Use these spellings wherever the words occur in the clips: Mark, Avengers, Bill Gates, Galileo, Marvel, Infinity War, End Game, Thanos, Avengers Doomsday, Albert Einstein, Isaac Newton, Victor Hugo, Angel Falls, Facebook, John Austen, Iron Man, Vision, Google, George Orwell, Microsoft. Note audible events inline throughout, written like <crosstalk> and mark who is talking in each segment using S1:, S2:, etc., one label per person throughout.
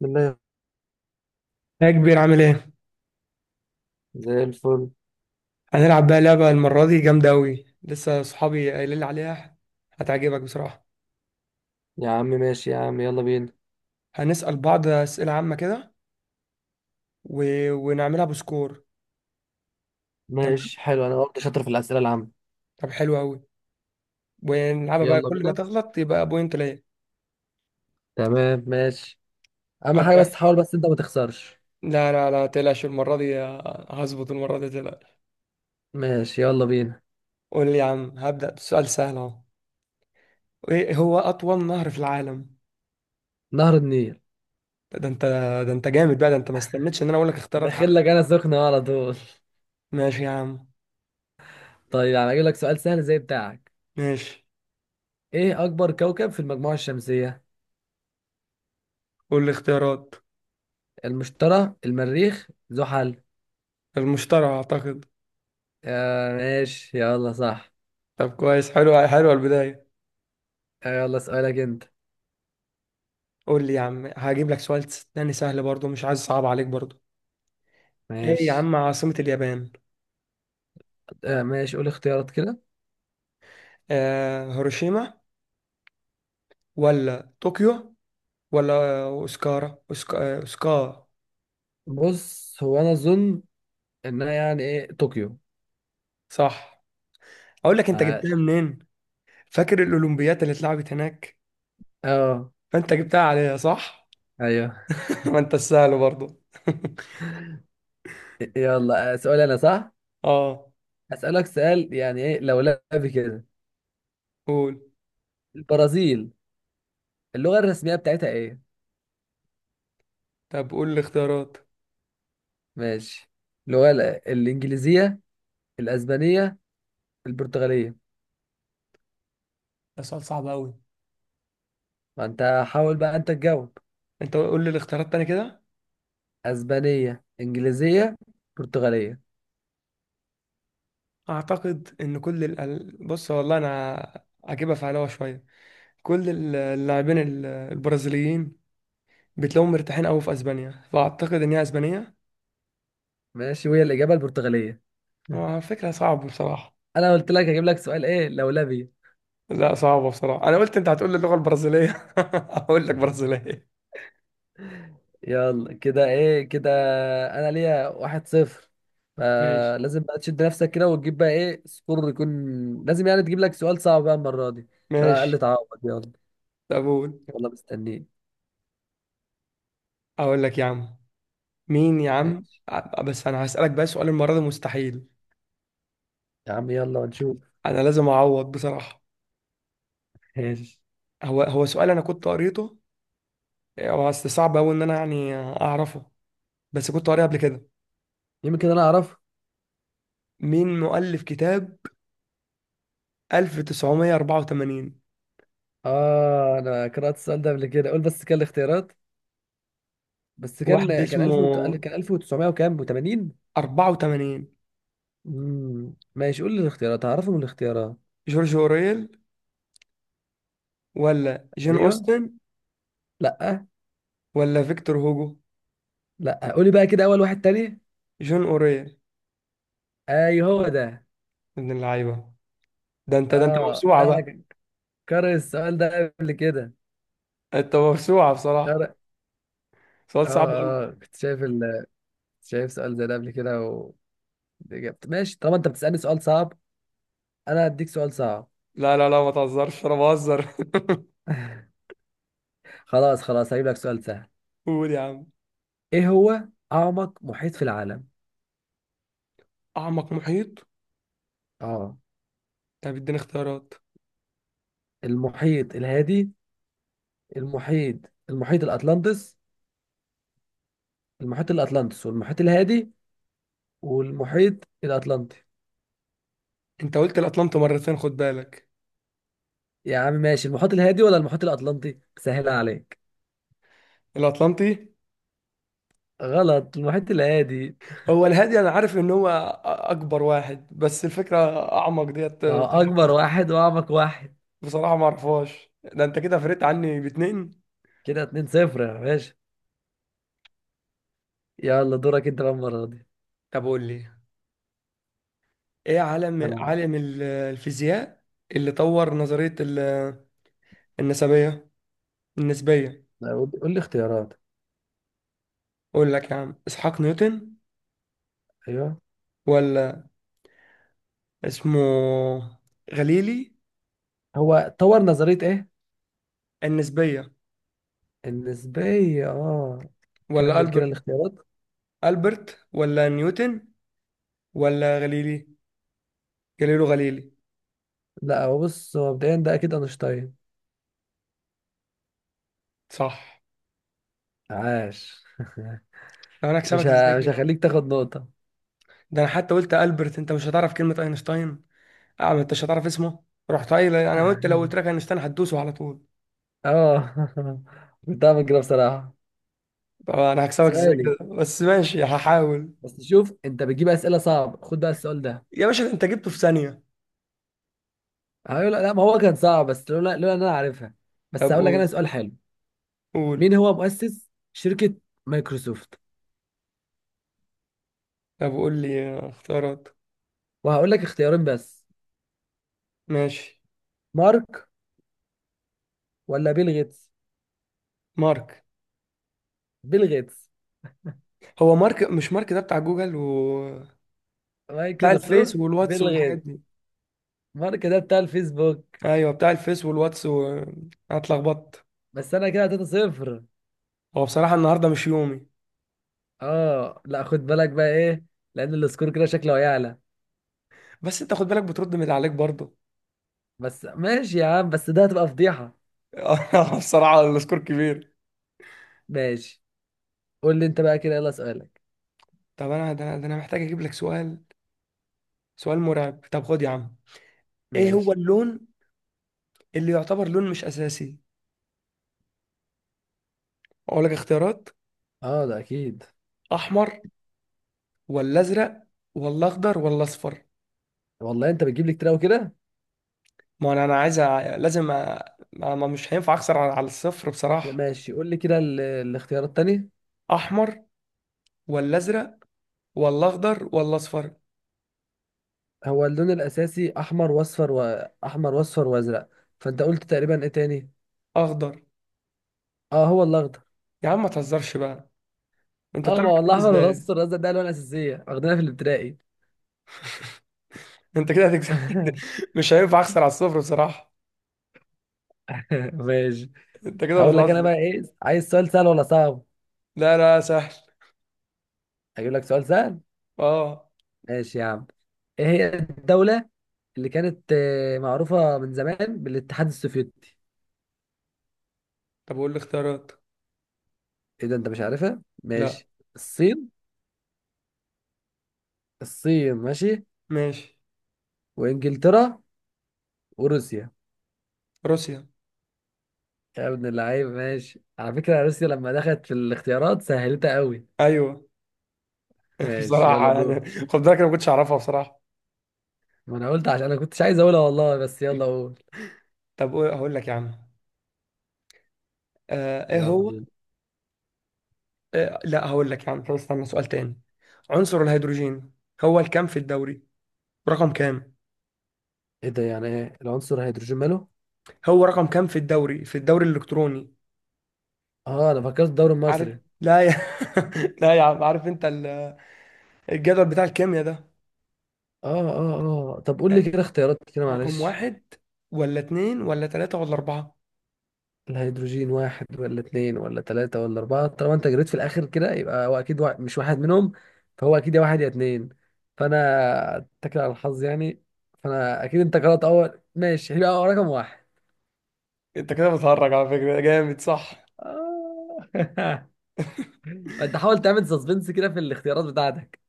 S1: بالله.
S2: يا كبير، عامل ايه؟
S1: زي الفل.
S2: هنلعب بقى لعبة المرة دي جامدة أوي. لسه صحابي قايلين لي عليها. هتعجبك بصراحة.
S1: يا عم ماشي يا عم، يلا بينا.
S2: هنسأل بعض أسئلة عامة كده و... ونعملها بسكور. تمام؟
S1: ماشي حلو، انا برضه شاطر في الاسئله العامه.
S2: طب حلو أوي. ونلعبها بقى
S1: يلا
S2: كل ما
S1: بينا.
S2: تغلط يبقى بوينت ليا.
S1: تمام ماشي. اهم حاجه
S2: أبدأ.
S1: بس، حاول بس انت ما تخسرش.
S2: لا لا لا، تقلقش المرة دي. هظبط المرة دي، تقلقش.
S1: ماشي يلا بينا.
S2: قول لي يا عم، هبدأ بسؤال سهل أهو. ايه هو أطول نهر في العالم؟
S1: نهر النيل.
S2: ده انت ده انت جامد بقى. ده انت ما استنيتش ان انا اقول لك اختيارات
S1: بخيل
S2: حتى.
S1: لك انا سخنه على طول.
S2: ماشي يا عم.
S1: <laughs> طيب انا اجيب لك سؤال سهل زي بتاعك.
S2: ماشي،
S1: ايه اكبر كوكب في المجموعه الشمسيه؟
S2: قول لي اختيارات.
S1: المشتري، المريخ، زحل.
S2: المشترى اعتقد.
S1: آه ماشي يلا صح.
S2: طب كويس، حلوه البدايه.
S1: آه يلا سؤالك انت.
S2: قول لي يا عم، هجيب لك سؤال تاني سهل برضو، مش عايز صعب عليك برضو. ايه يا
S1: ماشي.
S2: عم عاصمة اليابان؟
S1: آه ماشي قول اختيارات كده.
S2: هيروشيما ولا طوكيو ولا اوسكارا أوسكا... آه، اوسكا.
S1: بص هو انا اظن انها يعني ايه طوكيو.
S2: صح. اقول لك انت جبتها
S1: عاش.
S2: منين. فاكر الاولمبيات اللي اتلعبت هناك؟
S1: اه.
S2: فانت جبتها عليها صح.
S1: ايوه.
S2: <laughs> ما انت السهل برضو. <laughs>
S1: يلا آه، سؤال انا صح.
S2: اه،
S1: اسالك سؤال يعني ايه لو لعب كده.
S2: قول.
S1: البرازيل. اللغه الرسميه بتاعتها ايه؟
S2: طب قول الاختيارات.
S1: ماشي. اللغه الانجليزيه، الاسبانيه، البرتغاليه.
S2: ده سؤال صعب قوي.
S1: ما انت حاول بقى انت تجاوب.
S2: انت قول لي الاختيارات تاني كده.
S1: اسبانيه، انجليزيه، برتغاليه.
S2: اعتقد ان كل بص، والله انا اجيبها في علاوه شويه. كل اللاعبين البرازيليين بتلاقيهم مرتاحين قوي في اسبانيا، فاعتقد ان هي اسبانيه.
S1: ماشي، وهي الاجابه البرتغاليه. <laughs>
S2: هو فكره صعبه بصراحه.
S1: انا قلت لك هجيب لك سؤال ايه لولبي.
S2: لا صعبه بصراحه. انا قلت انت هتقول لي اللغه البرازيليه، <laughs> اقول لك
S1: <laughs>
S2: برازيليه.
S1: يلا كده ايه كده. انا ليا واحد صفر،
S2: ماشي.
S1: فلازم بقى تشد نفسك كده وتجيب بقى ايه سكور يكون. لازم يعني تجيب لك سؤال صعب بقى المرة دي، عشان على الاقل
S2: ماشي.
S1: تعوض. يلا.
S2: طب قول.
S1: يلا مستنيين.
S2: اقول لك يا عم، مين يا عم
S1: ماشي
S2: بس انا هسالك بقى سؤال المره دي مستحيل.
S1: يا عم يلا ونشوف.
S2: انا لازم اعوض بصراحه.
S1: <laughs> ماشي.
S2: هو سؤال انا كنت قريته، إيه، بس صعب قوي ان انا يعني اعرفه. بس كنت قاري قبل كده.
S1: يمكن انا اعرفه.
S2: مين مؤلف كتاب 1984؟
S1: اه انا قرأت السؤال ده قبل كده، قول بس كان الاختيارات. بس
S2: واحد
S1: كان كان
S2: اسمه
S1: 1000 كان 1900 وكام و80.
S2: 84.
S1: ماشي قول لي الاختيارات، هعرفه من الاختيارات.
S2: جورج اوريل ولا جون
S1: ايوه.
S2: اوستن
S1: لا.
S2: ولا فيكتور هوجو؟
S1: لا قولي بقى كده اول واحد تاني.
S2: جون اوريل.
S1: ايوه هو ده.
S2: ابن اللعيبه. ده انت
S1: اه لا
S2: موسوعه بقى.
S1: انا قارئ السؤال ده قبل كده.
S2: انت موسوعه بصراحه.
S1: قارئ.
S2: سؤال
S1: اه
S2: صعب قوي.
S1: اه كنت شايف ال... كنت شايف سؤال زي ده قبل كده و... إجابة. ماشي طالما انت بتسألني سؤال صعب، انا هديك سؤال صعب.
S2: لا لا لا، ما تهزرش، انا بهزر. <laughs>
S1: <laughs> خلاص خلاص هجيب لك سؤال سهل.
S2: قول يا عم.
S1: ايه هو اعمق محيط في العالم؟
S2: اعمق محيط.
S1: اه.
S2: طب اديني اختيارات.
S1: المحيط الهادي، المحيط، المحيط الاطلنطس. المحيط الاطلنطس والمحيط الهادي والمحيط الاطلنطي.
S2: انت قلت الاطلنطي مرتين، خد بالك.
S1: يا عم ماشي، المحيط الهادي ولا المحيط الاطلنطي، سهلها عليك.
S2: الاطلنطي.
S1: غلط، المحيط الهادي.
S2: هو الهادي انا عارف ان هو اكبر واحد، بس الفكره اعمق ديت
S1: ما هو
S2: بصراحه.
S1: اكبر واحد واعمق واحد.
S2: بصراحة ما اعرفهاش. ده انت كده فرقت عني باتنين.
S1: كده 2 0 يا باشا. يلا دورك انت بقى المره دي.
S2: طب قول لي. ايه عالم
S1: انا.
S2: عالم الفيزياء اللي طور نظريه النسبيه. النسبيه.
S1: أنا قول، قول لي اختيارات.
S2: اقول لك يا عم اسحاق نيوتن
S1: ايوه.
S2: ولا اسمه غليلي.
S1: هو طور نظريه ايه؟
S2: النسبيه.
S1: النسبيه اه.
S2: ولا
S1: كمل كده
S2: البرت.
S1: الاختيارات.
S2: البرت ولا نيوتن ولا غليلي. جاليليو غليلي.
S1: لا، هو بص، هو مبدئيا ده اكيد اينشتاين.
S2: صح.
S1: عاش.
S2: طب انا هكسبك ازاي
S1: مش
S2: كده.
S1: هخليك تاخد نقطه.
S2: ده انا حتى قلت البرت، انت مش هتعرف كلمه اينشتاين. اه، ما انتش هتعرف اسمه. رحت قايل انا قلت لو قلت لك
S1: <laughs>
S2: اينشتاين هتدوسه على طول.
S1: اه. <laughs> كنت هعمل كده بصراحه.
S2: طب انا هكسبك ازاي كده،
S1: سؤالي.
S2: بس ماشي هحاول.
S1: بس شوف انت بتجيب اسئله صعب، خد بقى السؤال ده.
S2: يا باشا ده انت جبته في ثانيه.
S1: هقول لا، ما هو كان صعب، بس لولا ان انا عارفها. بس
S2: طب
S1: هقول لك
S2: قول.
S1: انا سؤال حلو.
S2: قول.
S1: مين هو مؤسس شركة مايكروسوفت؟
S2: طب قول لي اختيارات.
S1: وهقول لك اختيارين بس.
S2: ماشي.
S1: مارك، ولا بيل غيتس.
S2: مارك.
S1: بيل غيتس.
S2: هو مارك، مش مارك ده بتاع جوجل و... بتاع الفيس
S1: مايكروسوفت
S2: والواتس
S1: بيل
S2: والحاجات
S1: غيتس.
S2: دي.
S1: مارك ده بتاع الفيسبوك.
S2: ايوه بتاع الفيس والواتس أنا اتلخبطت.
S1: بس انا كده 3 صفر.
S2: هو بصراحه النهارده مش يومي.
S1: اه لا، خد بالك بقى ايه، لان السكور كده شكله هيعلى.
S2: بس انت خد بالك بترد من اللي عليك برضه.
S1: بس ماشي يا عم، بس ده هتبقى فضيحة.
S2: <laughs> بصراحه السكور كبير.
S1: ماشي. قول لي انت بقى كده، يلا سؤالك.
S2: طب انا ده انا ده أنا محتاج اجيب لك سؤال. سؤال مرعب، طب خد يا عم. ايه هو
S1: ماشي.
S2: اللون اللي يعتبر لون مش اساسي؟ اقول لك اختيارات.
S1: اه ده اكيد.
S2: احمر ولا ازرق ولا اخضر ولا اصفر؟
S1: والله انت بتجيب لي كتير قوي كده.
S2: ما انا عايز لازم مش هينفع اخسر على الصفر
S1: لا،
S2: بصراحة.
S1: ماشي قول لي كده الاختيارات التانية.
S2: احمر ولا ازرق ولا اخضر ولا اصفر؟
S1: هو اللون الاساسي احمر واصفر، واحمر واصفر وازرق. فانت قلت تقريبا ايه تاني؟
S2: اخضر.
S1: اه هو الاخضر.
S2: يا عم ما تهزرش بقى. انت
S1: اه،
S2: بتعرف
S1: ما هو
S2: الحاجات دي
S1: الاحمر
S2: ازاي؟
S1: والاصفر والازرق ده الوان اساسيه، واخدينها في الابتدائي.
S2: انت كده هتكسب.
S1: <laughs>
S2: <laughs> مش هينفع اخسر على الصفر بصراحة.
S1: ماشي،
S2: انت كده
S1: هقول لك انا
S2: بتهزر.
S1: بقى ايه، عايز سؤال سهل ولا صعب؟
S2: لا لا، سهل.
S1: اجيب لك سؤال سهل.
S2: اه.
S1: ماشي يا عم. ايه هي الدوله اللي كانت معروفه من زمان بالاتحاد السوفيتي؟
S2: طب قول لي اختيارات.
S1: ايه ده، انت مش عارفها؟
S2: لا.
S1: ماشي. الصين. الصين ماشي.
S2: ماشي.
S1: وانجلترا. وروسيا.
S2: روسيا.
S1: يا ابن اللعيب. ماشي، على فكرة روسيا لما دخلت في الاختيارات سهلتها قوي.
S2: ايوه. <laughs>
S1: ماشي يلا
S2: بصراحه
S1: دور.
S2: يعني. خد بالك انا ما كنتش اعرفها بصراحه.
S1: ما انا قلت عشان انا كنتش عايز اقولها والله، بس يلا قول.
S2: طب هقول لك يا عم. ايه
S1: يلا
S2: هو.
S1: دور.
S2: لا، هقول لك يا عم. طب استنى سؤال تاني. عنصر الهيدروجين هو الكام في الدوري؟ رقم كام.
S1: ايه ده، يعني ايه العنصر هيدروجين ماله؟
S2: هو رقم كام في الدوري الالكتروني.
S1: اه انا فكرت الدوري
S2: عارف،
S1: المصري.
S2: لا يا. <laughs> لا يا عم، عارف انت الجدول بتاع الكيمياء ده.
S1: اه اه. اه طب قول لي
S2: يعني
S1: كده اختيارات كده
S2: رقم
S1: معلش.
S2: واحد ولا اتنين ولا تلاتة ولا اربعة.
S1: الهيدروجين واحد ولا اتنين ولا تلاتة ولا أربعة؟ طالما أنت جريت في الآخر كده يبقى هو أكيد مش واحد منهم. فهو أكيد يا واحد يا اتنين. فأنا أتكل على الحظ يعني. فأنا أكيد أنت قرأت أول، ماشي هيبقى رقم واحد.
S2: انت كده بتهرج على فكرة جامد، صح.
S1: آه. <laughs> ما انت حاول تعمل سسبنس كده في الاختيارات بتاعتك.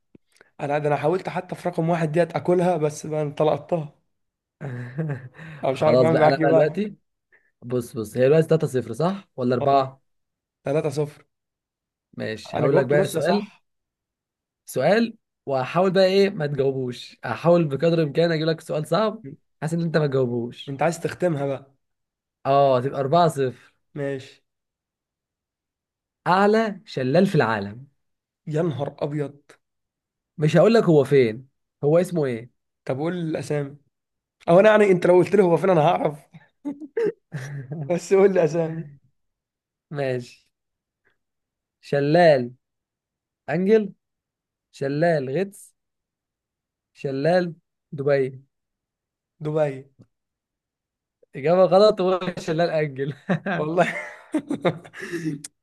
S2: انا ده انا حاولت حتى في رقم واحد ديت اكلها، بس بقى انت لقطتها.
S1: <laughs>
S2: انا مش عارف
S1: خلاص
S2: اعمل
S1: بقى، انا
S2: معاك ايه
S1: بقى
S2: بقى.
S1: دلوقتي بص بص، هي دلوقتي 3 0 صح ولا
S2: اه.
S1: 4؟
S2: 3-0.
S1: ماشي
S2: انا
S1: هقول لك
S2: جاوبت
S1: بقى
S2: روسيا
S1: سؤال.
S2: صح.
S1: سؤال وهحاول بقى ايه ما تجاوبوش، هحاول بقدر الامكان اجيب لك سؤال صعب.
S2: م.
S1: حاسس ان انت ما تجاوبوش.
S2: انت عايز تختمها بقى.
S1: اه تبقى 4 0.
S2: ماشي.
S1: اعلى شلال في العالم.
S2: يا نهار ابيض.
S1: مش هقول لك هو فين، هو اسمه ايه.
S2: طب قول لي الاسامي. او انا يعني، انت لو قلت لي هو فين انا هعرف. <laughs> بس
S1: <laughs>
S2: قول لي اسامي.
S1: ماشي. شلال انجل، شلال غطس، شلال دبي.
S2: دبي.
S1: إجابة غلط، وش لا نأجل.
S2: والله. <laughs>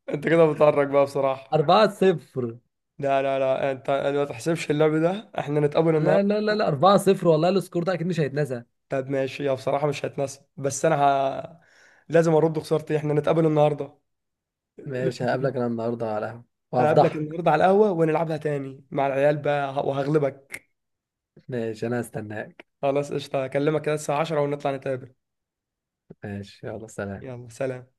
S2: انت كده بتعرج بقى بصراحة.
S1: 4 0. <laughs>
S2: لا لا لا، أنا ما تحسبش اللعب ده، احنا نتقابل
S1: لا لا
S2: النهارده.
S1: لا لا، 4 0 والله السكور ده أكيد مش هيتنسى.
S2: طب ماشي يا بصراحة، مش هتناسب، لازم ارد خسارتي، احنا نتقابل النهارده.
S1: ماشي
S2: <laughs>
S1: هقابلك أنا النهاردة على القهوة
S2: هقابلك
S1: وهفضحك.
S2: النهارده على القهوة ونلعبها تاني مع العيال بقى وهغلبك.
S1: ماشي أنا هستناك.
S2: خلاص قشطة، هكلمك كده الساعة 10 ونطلع نتقابل.
S1: ماشي يلا سلام.
S2: يلا سلام.